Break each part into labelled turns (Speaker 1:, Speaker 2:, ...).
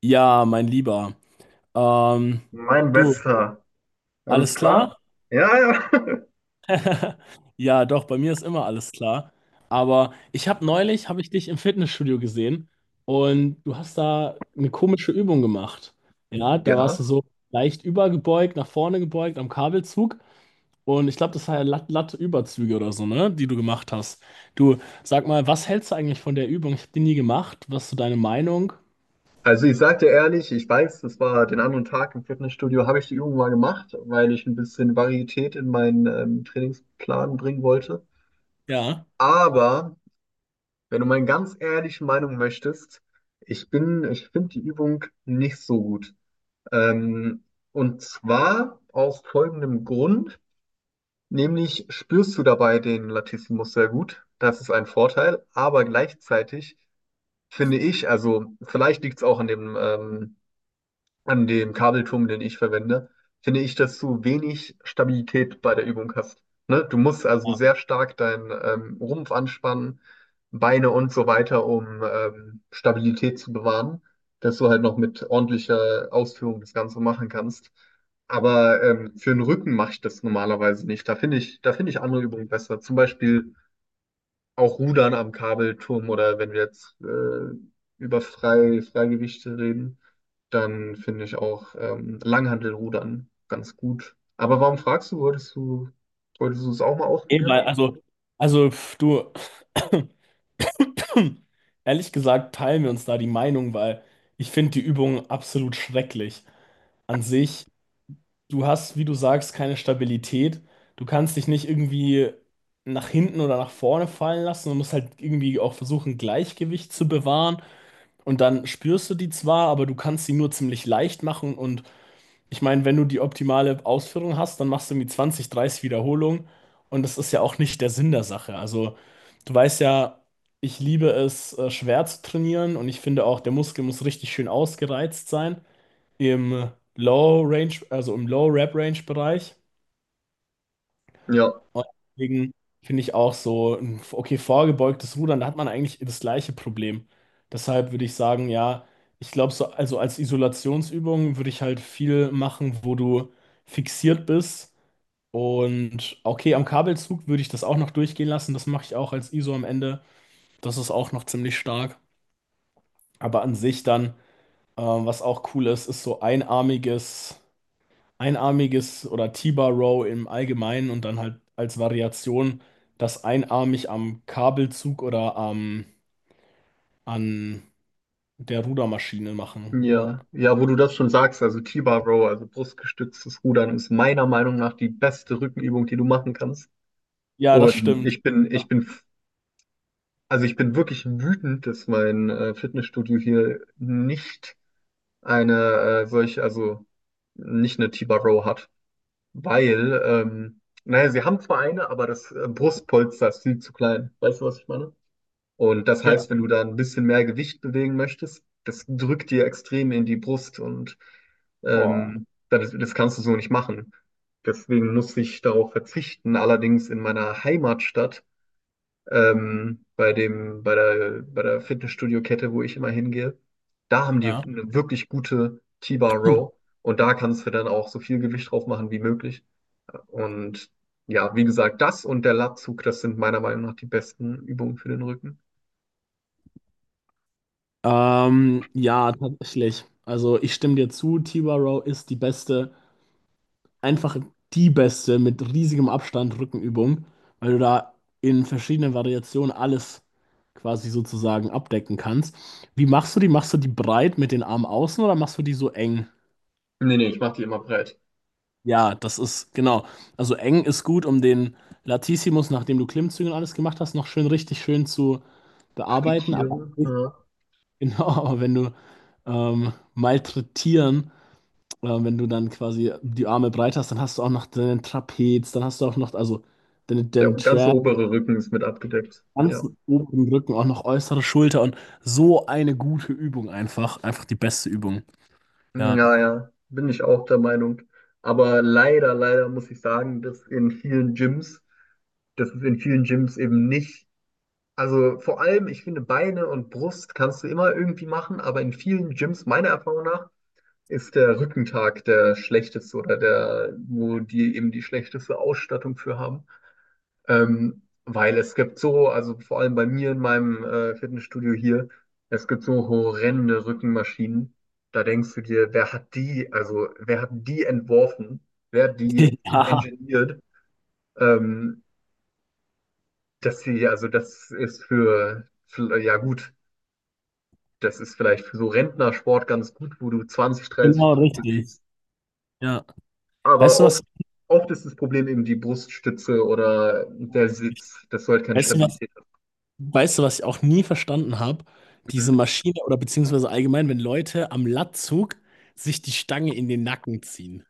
Speaker 1: Ja, mein Lieber. Ähm,
Speaker 2: Mein
Speaker 1: du,
Speaker 2: Bester. Alles
Speaker 1: alles
Speaker 2: klar?
Speaker 1: klar?
Speaker 2: Ja, ja.
Speaker 1: Ja, doch, bei mir ist immer alles klar. Aber habe ich dich im Fitnessstudio gesehen und du hast da eine komische Übung gemacht. Ja, da warst du
Speaker 2: Ja.
Speaker 1: so leicht übergebeugt, nach vorne gebeugt am Kabelzug. Und ich glaube, das war ja Latte-Überzüge oder so, ne, die du gemacht hast. Du, sag mal, was hältst du eigentlich von der Übung? Ich habe die nie gemacht. Was ist so deine Meinung?
Speaker 2: Also ich sag dir ehrlich, ich weiß, das war den anderen Tag im Fitnessstudio, habe ich die Übung mal gemacht, weil ich ein bisschen Varietät in meinen Trainingsplan bringen wollte.
Speaker 1: Ja.
Speaker 2: Aber wenn du meine ganz ehrliche Meinung möchtest, ich finde die Übung nicht so gut. Ähm, und zwar aus folgendem Grund. Nämlich spürst du dabei den Latissimus sehr gut. Das ist ein Vorteil, aber gleichzeitig finde ich, also vielleicht liegt es auch an dem Kabelturm, den ich verwende, finde ich, dass du wenig Stabilität bei der Übung hast. Ne? Du musst also
Speaker 1: Ja,
Speaker 2: sehr stark deinen Rumpf anspannen, Beine und so weiter, um Stabilität zu bewahren, dass du halt noch mit ordentlicher Ausführung das Ganze machen kannst. Aber für den Rücken mache ich das normalerweise nicht. Da finde ich andere Übungen besser. Zum Beispiel auch Rudern am Kabelturm oder wenn wir jetzt über Freigewichte reden, dann finde ich auch Langhantelrudern ganz gut. Aber warum fragst du, wolltest du es auch mal
Speaker 1: eh,
Speaker 2: ausprobieren?
Speaker 1: weil, also, pf, du. Hm. Ehrlich gesagt teilen wir uns da die Meinung, weil ich finde die Übung absolut schrecklich. An sich, du hast, wie du sagst, keine Stabilität. Du kannst dich nicht irgendwie nach hinten oder nach vorne fallen lassen. Du musst halt irgendwie auch versuchen, Gleichgewicht zu bewahren. Und dann spürst du die zwar, aber du kannst sie nur ziemlich leicht machen und ich meine, wenn du die optimale Ausführung hast, dann machst du irgendwie 20, 30 Wiederholungen. Und das ist ja auch nicht der Sinn der Sache. Also, du weißt ja, ich liebe es, schwer zu trainieren. Und ich finde auch, der Muskel muss richtig schön ausgereizt sein. Im Low Range, also im Low Rep Range Bereich.
Speaker 2: Ja,
Speaker 1: Und deswegen finde ich auch so, okay, vorgebeugtes Rudern, da hat man eigentlich das gleiche Problem. Deshalb würde ich sagen, ja, ich glaube, so, also als Isolationsübung würde ich halt viel machen, wo du fixiert bist. Und okay, am Kabelzug würde ich das auch noch durchgehen lassen. Das mache ich auch als ISO am Ende. Das ist auch noch ziemlich stark. Aber an sich dann, was auch cool ist, ist so einarmiges oder T-Bar Row im Allgemeinen und dann halt als Variation das einarmig am Kabelzug oder an der Rudermaschine machen. Ja,
Speaker 2: ja, ja, wo du das schon sagst, also T-Bar Row, also brustgestütztes Rudern, ist meiner Meinung nach die beste Rückenübung, die du machen kannst.
Speaker 1: ja, das
Speaker 2: Und
Speaker 1: stimmt.
Speaker 2: also ich bin wirklich wütend, dass mein Fitnessstudio hier nicht eine solche, also nicht eine T-Bar-Row hat. Weil, naja, sie haben zwar eine, aber das Brustpolster ist viel zu klein. Weißt du, was ich meine? Und das
Speaker 1: Ja.
Speaker 2: heißt, wenn du da ein bisschen mehr Gewicht bewegen möchtest, das drückt dir extrem in die Brust und
Speaker 1: Boah.
Speaker 2: das kannst du so nicht machen. Deswegen muss ich darauf verzichten. Allerdings in meiner Heimatstadt bei der Fitnessstudio-Kette, wo ich immer hingehe. Da haben die
Speaker 1: Ja.
Speaker 2: eine wirklich gute T-Bar Row und da kannst du dann auch so viel Gewicht drauf machen wie möglich. Und ja, wie gesagt, das und der Latzug, das sind meiner Meinung nach die besten Übungen für den Rücken.
Speaker 1: Ja, tatsächlich. Also ich stimme dir zu, T-Bar Row ist die beste einfach die beste mit riesigem Abstand Rückenübung, weil du da in verschiedenen Variationen alles quasi sozusagen abdecken kannst. Wie machst du die? Machst du die breit mit den Armen außen oder machst du die so eng?
Speaker 2: Nee, nee, ich mache die immer breit.
Speaker 1: Ja, das ist genau. Also eng ist gut, um den Latissimus, nachdem du Klimmzüge und alles gemacht hast, noch schön richtig schön zu bearbeiten. Aber
Speaker 2: Frittieren, ja.
Speaker 1: genau, aber wenn du malträtieren. Wenn du dann quasi die Arme breit hast, dann hast du auch noch deinen Trapez, dann hast du auch noch, also den
Speaker 2: Der
Speaker 1: deinen
Speaker 2: ganze
Speaker 1: Tram,
Speaker 2: obere Rücken ist mit abgedeckt. Ja.
Speaker 1: ganzen oberen Rücken, auch noch äußere Schulter und so eine gute Übung einfach. Einfach die beste Übung.
Speaker 2: Hm,
Speaker 1: Ja.
Speaker 2: ja, ja, bin ich auch der Meinung. Aber leider, leider muss ich sagen, dass es in vielen Gyms eben nicht, also vor allem, ich finde, Beine und Brust kannst du immer irgendwie machen, aber in vielen Gyms, meiner Erfahrung nach, ist der Rückentag der schlechteste oder der, wo die eben die schlechteste Ausstattung für haben. Weil es gibt so, also vor allem bei mir in meinem Fitnessstudio hier, es gibt so horrende Rückenmaschinen. Da denkst du dir, also wer hat die entworfen? Wer hat die
Speaker 1: Ja,
Speaker 2: engineert? Ähm, Dass sie, also das ist ja gut, das ist vielleicht für so Rentnersport ganz gut, wo du 20, 30
Speaker 1: genau,
Speaker 2: Kilo
Speaker 1: richtig.
Speaker 2: bewegst.
Speaker 1: Ja. Weißt
Speaker 2: Aber
Speaker 1: du
Speaker 2: oft,
Speaker 1: was?
Speaker 2: oft ist das Problem eben die Bruststütze oder der Sitz, dass du halt keine
Speaker 1: Weißt du was?
Speaker 2: Stabilität
Speaker 1: Weißt du, was ich auch nie verstanden habe? Diese
Speaker 2: hast.
Speaker 1: Maschine oder beziehungsweise allgemein, wenn Leute am Latzug sich die Stange in den Nacken ziehen.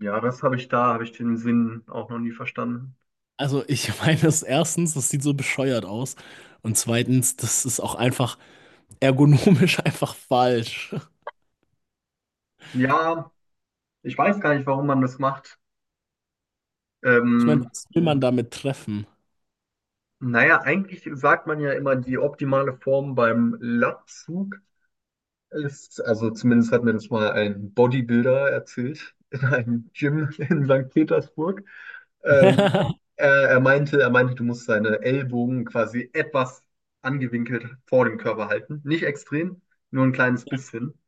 Speaker 2: Ja, das habe ich da, habe ich den Sinn auch noch nie verstanden.
Speaker 1: Also ich meine, das erstens, das sieht so bescheuert aus. Und zweitens, das ist auch einfach ergonomisch einfach falsch.
Speaker 2: Ja, ich weiß gar nicht, warum man das macht.
Speaker 1: Ich meine,
Speaker 2: Ähm,
Speaker 1: was will man damit treffen?
Speaker 2: naja, eigentlich sagt man ja immer, die optimale Form beim Latzug ist, also zumindest hat mir das mal ein Bodybuilder erzählt in einem Gym in St. Petersburg. Ähm, er meinte, du musst deine Ellbogen quasi etwas angewinkelt vor dem Körper halten. Nicht extrem, nur ein kleines bisschen.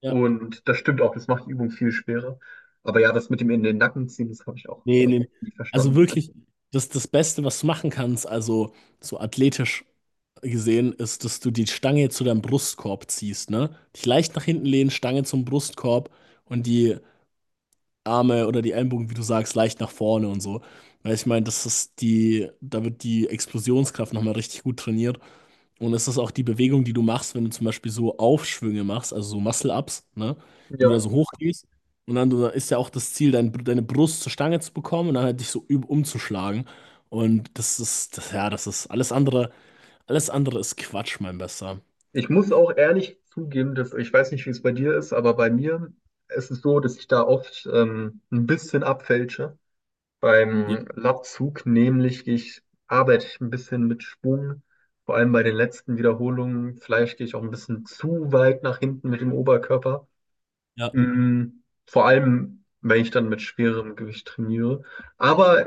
Speaker 1: Ja,
Speaker 2: Und das stimmt auch, das macht die Übung viel schwerer. Aber ja, das mit dem in den Nacken ziehen, das habe ich auch
Speaker 1: nee, nee.
Speaker 2: nie
Speaker 1: Also
Speaker 2: verstanden.
Speaker 1: wirklich, das Beste, was du machen kannst, also so athletisch gesehen, ist, dass du die Stange zu deinem Brustkorb ziehst, ne? Dich leicht nach hinten lehnen, Stange zum Brustkorb und die Arme oder die Ellenbogen, wie du sagst, leicht nach vorne und so. Weil ich meine, das ist die, da wird die Explosionskraft nochmal richtig gut trainiert. Und es ist auch die Bewegung, die du machst, wenn du zum Beispiel so Aufschwünge machst, also so Muscle-Ups, ne? Wenn du da
Speaker 2: Ja,
Speaker 1: so hochgehst und dann du, ist ja auch das Ziel, deine Brust zur Stange zu bekommen und dann halt dich so umzuschlagen. Und das ist alles andere ist Quatsch, mein Bester.
Speaker 2: ich muss auch ehrlich zugeben, dass ich weiß nicht, wie es bei dir ist, aber bei mir ist es so, dass ich da oft ein bisschen abfälsche
Speaker 1: Ja.
Speaker 2: beim Latzug, nämlich gehe ich arbeite ich ein bisschen mit Schwung, vor allem bei den letzten Wiederholungen. Vielleicht gehe ich auch ein bisschen zu weit nach hinten mit dem Oberkörper.
Speaker 1: Ja.
Speaker 2: Mm, Vor allem, wenn ich dann mit schwerem Gewicht trainiere. Aber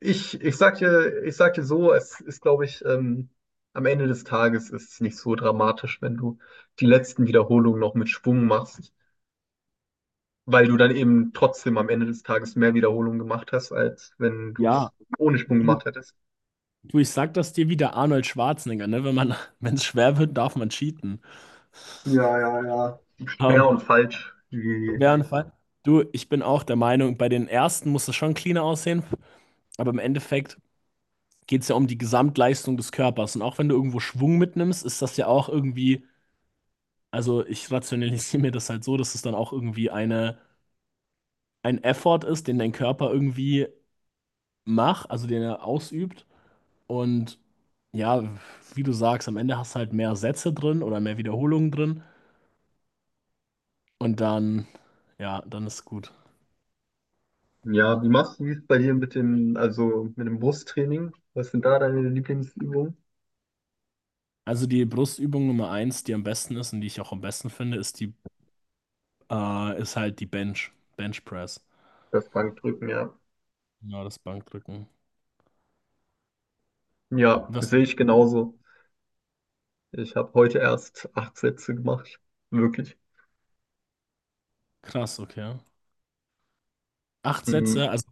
Speaker 2: Ich sag dir so, es ist, glaube ich, am Ende des Tages ist es nicht so dramatisch, wenn du die letzten Wiederholungen noch mit Schwung machst, weil du dann eben trotzdem am Ende des Tages mehr Wiederholungen gemacht hast, als wenn du es
Speaker 1: Ja.
Speaker 2: ohne Schwung
Speaker 1: Du,
Speaker 2: gemacht hättest.
Speaker 1: du, ich sag das dir wie der Arnold Schwarzenegger, ne? Wenn man, wenn es schwer wird, darf man cheaten.
Speaker 2: Ja, ja, ja. Schwer
Speaker 1: Ähm,
Speaker 2: und falsch. Wie,
Speaker 1: wäre ein Fall. Du, ich bin auch der Meinung, bei den ersten muss es schon cleaner aussehen, aber im Endeffekt geht es ja um die Gesamtleistung des Körpers. Und auch wenn du irgendwo Schwung mitnimmst, ist das ja auch irgendwie, also ich rationalisiere mir das halt so, dass es dann auch irgendwie eine, ein Effort ist, den dein Körper irgendwie macht, also den er ausübt. Und ja, wie du sagst, am Ende hast du halt mehr Sätze drin oder mehr Wiederholungen drin. Und dann, ja, dann ist gut.
Speaker 2: ja, wie machst du es bei dir mit dem, also mit dem Brusttraining? Was sind da deine Lieblingsübungen?
Speaker 1: Also die Brustübung Nummer eins, die am besten ist und die ich auch am besten finde, ist halt die Bench Press.
Speaker 2: Das Bankdrücken, ja.
Speaker 1: Genau, das Bankdrücken.
Speaker 2: Ja,
Speaker 1: Was?
Speaker 2: sehe ich genauso. Ich habe heute erst 8 Sätze gemacht. Wirklich.
Speaker 1: Krass, okay. Acht Sätze,
Speaker 2: Mhm.
Speaker 1: also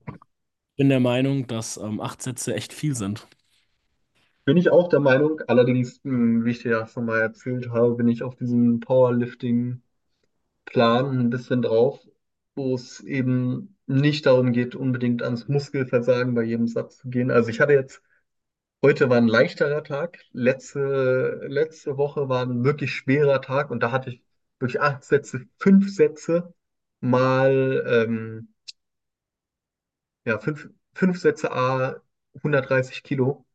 Speaker 1: ich bin der Meinung, dass acht Sätze echt viel sind.
Speaker 2: Bin ich auch der Meinung, allerdings, mh, wie ich dir ja schon mal erzählt habe, bin ich auf diesem Powerlifting-Plan ein bisschen drauf, wo es eben nicht darum geht, unbedingt ans Muskelversagen bei jedem Satz zu gehen. Also ich hatte jetzt, heute war ein leichterer Tag, letzte, letzte Woche war ein wirklich schwerer Tag und da hatte ich durch 8 Sätze, 5 Sätze mal ja, 5 Sätze a 130 Kilo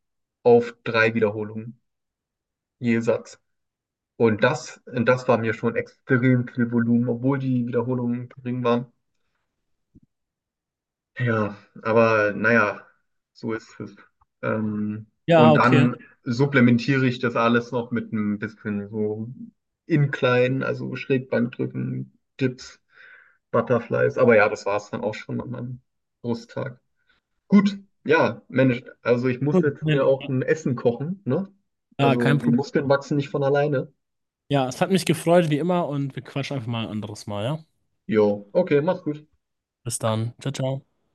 Speaker 2: auf 3 Wiederholungen je Satz. Und das war mir schon extrem viel Volumen, obwohl die Wiederholungen gering waren. Ja, aber naja, so ist es. Ähm,
Speaker 1: Ja,
Speaker 2: und
Speaker 1: okay.
Speaker 2: dann supplementiere ich das alles noch mit ein bisschen so Incline, also Schrägbankdrücken, Dips, Butterflies. Aber ja, das war es dann auch schon an meinem Brusttag. Gut, ja, Mensch, also ich muss
Speaker 1: Gut,
Speaker 2: jetzt
Speaker 1: nein,
Speaker 2: mir auch ein Essen kochen, ne?
Speaker 1: Ja,
Speaker 2: Also
Speaker 1: kein
Speaker 2: die
Speaker 1: Problem.
Speaker 2: Muskeln wachsen nicht von alleine.
Speaker 1: Ja, es hat mich gefreut, wie immer, und wir quatschen einfach mal ein anderes Mal, ja?
Speaker 2: Jo, okay, mach's gut.
Speaker 1: Bis dann. Ciao, ciao.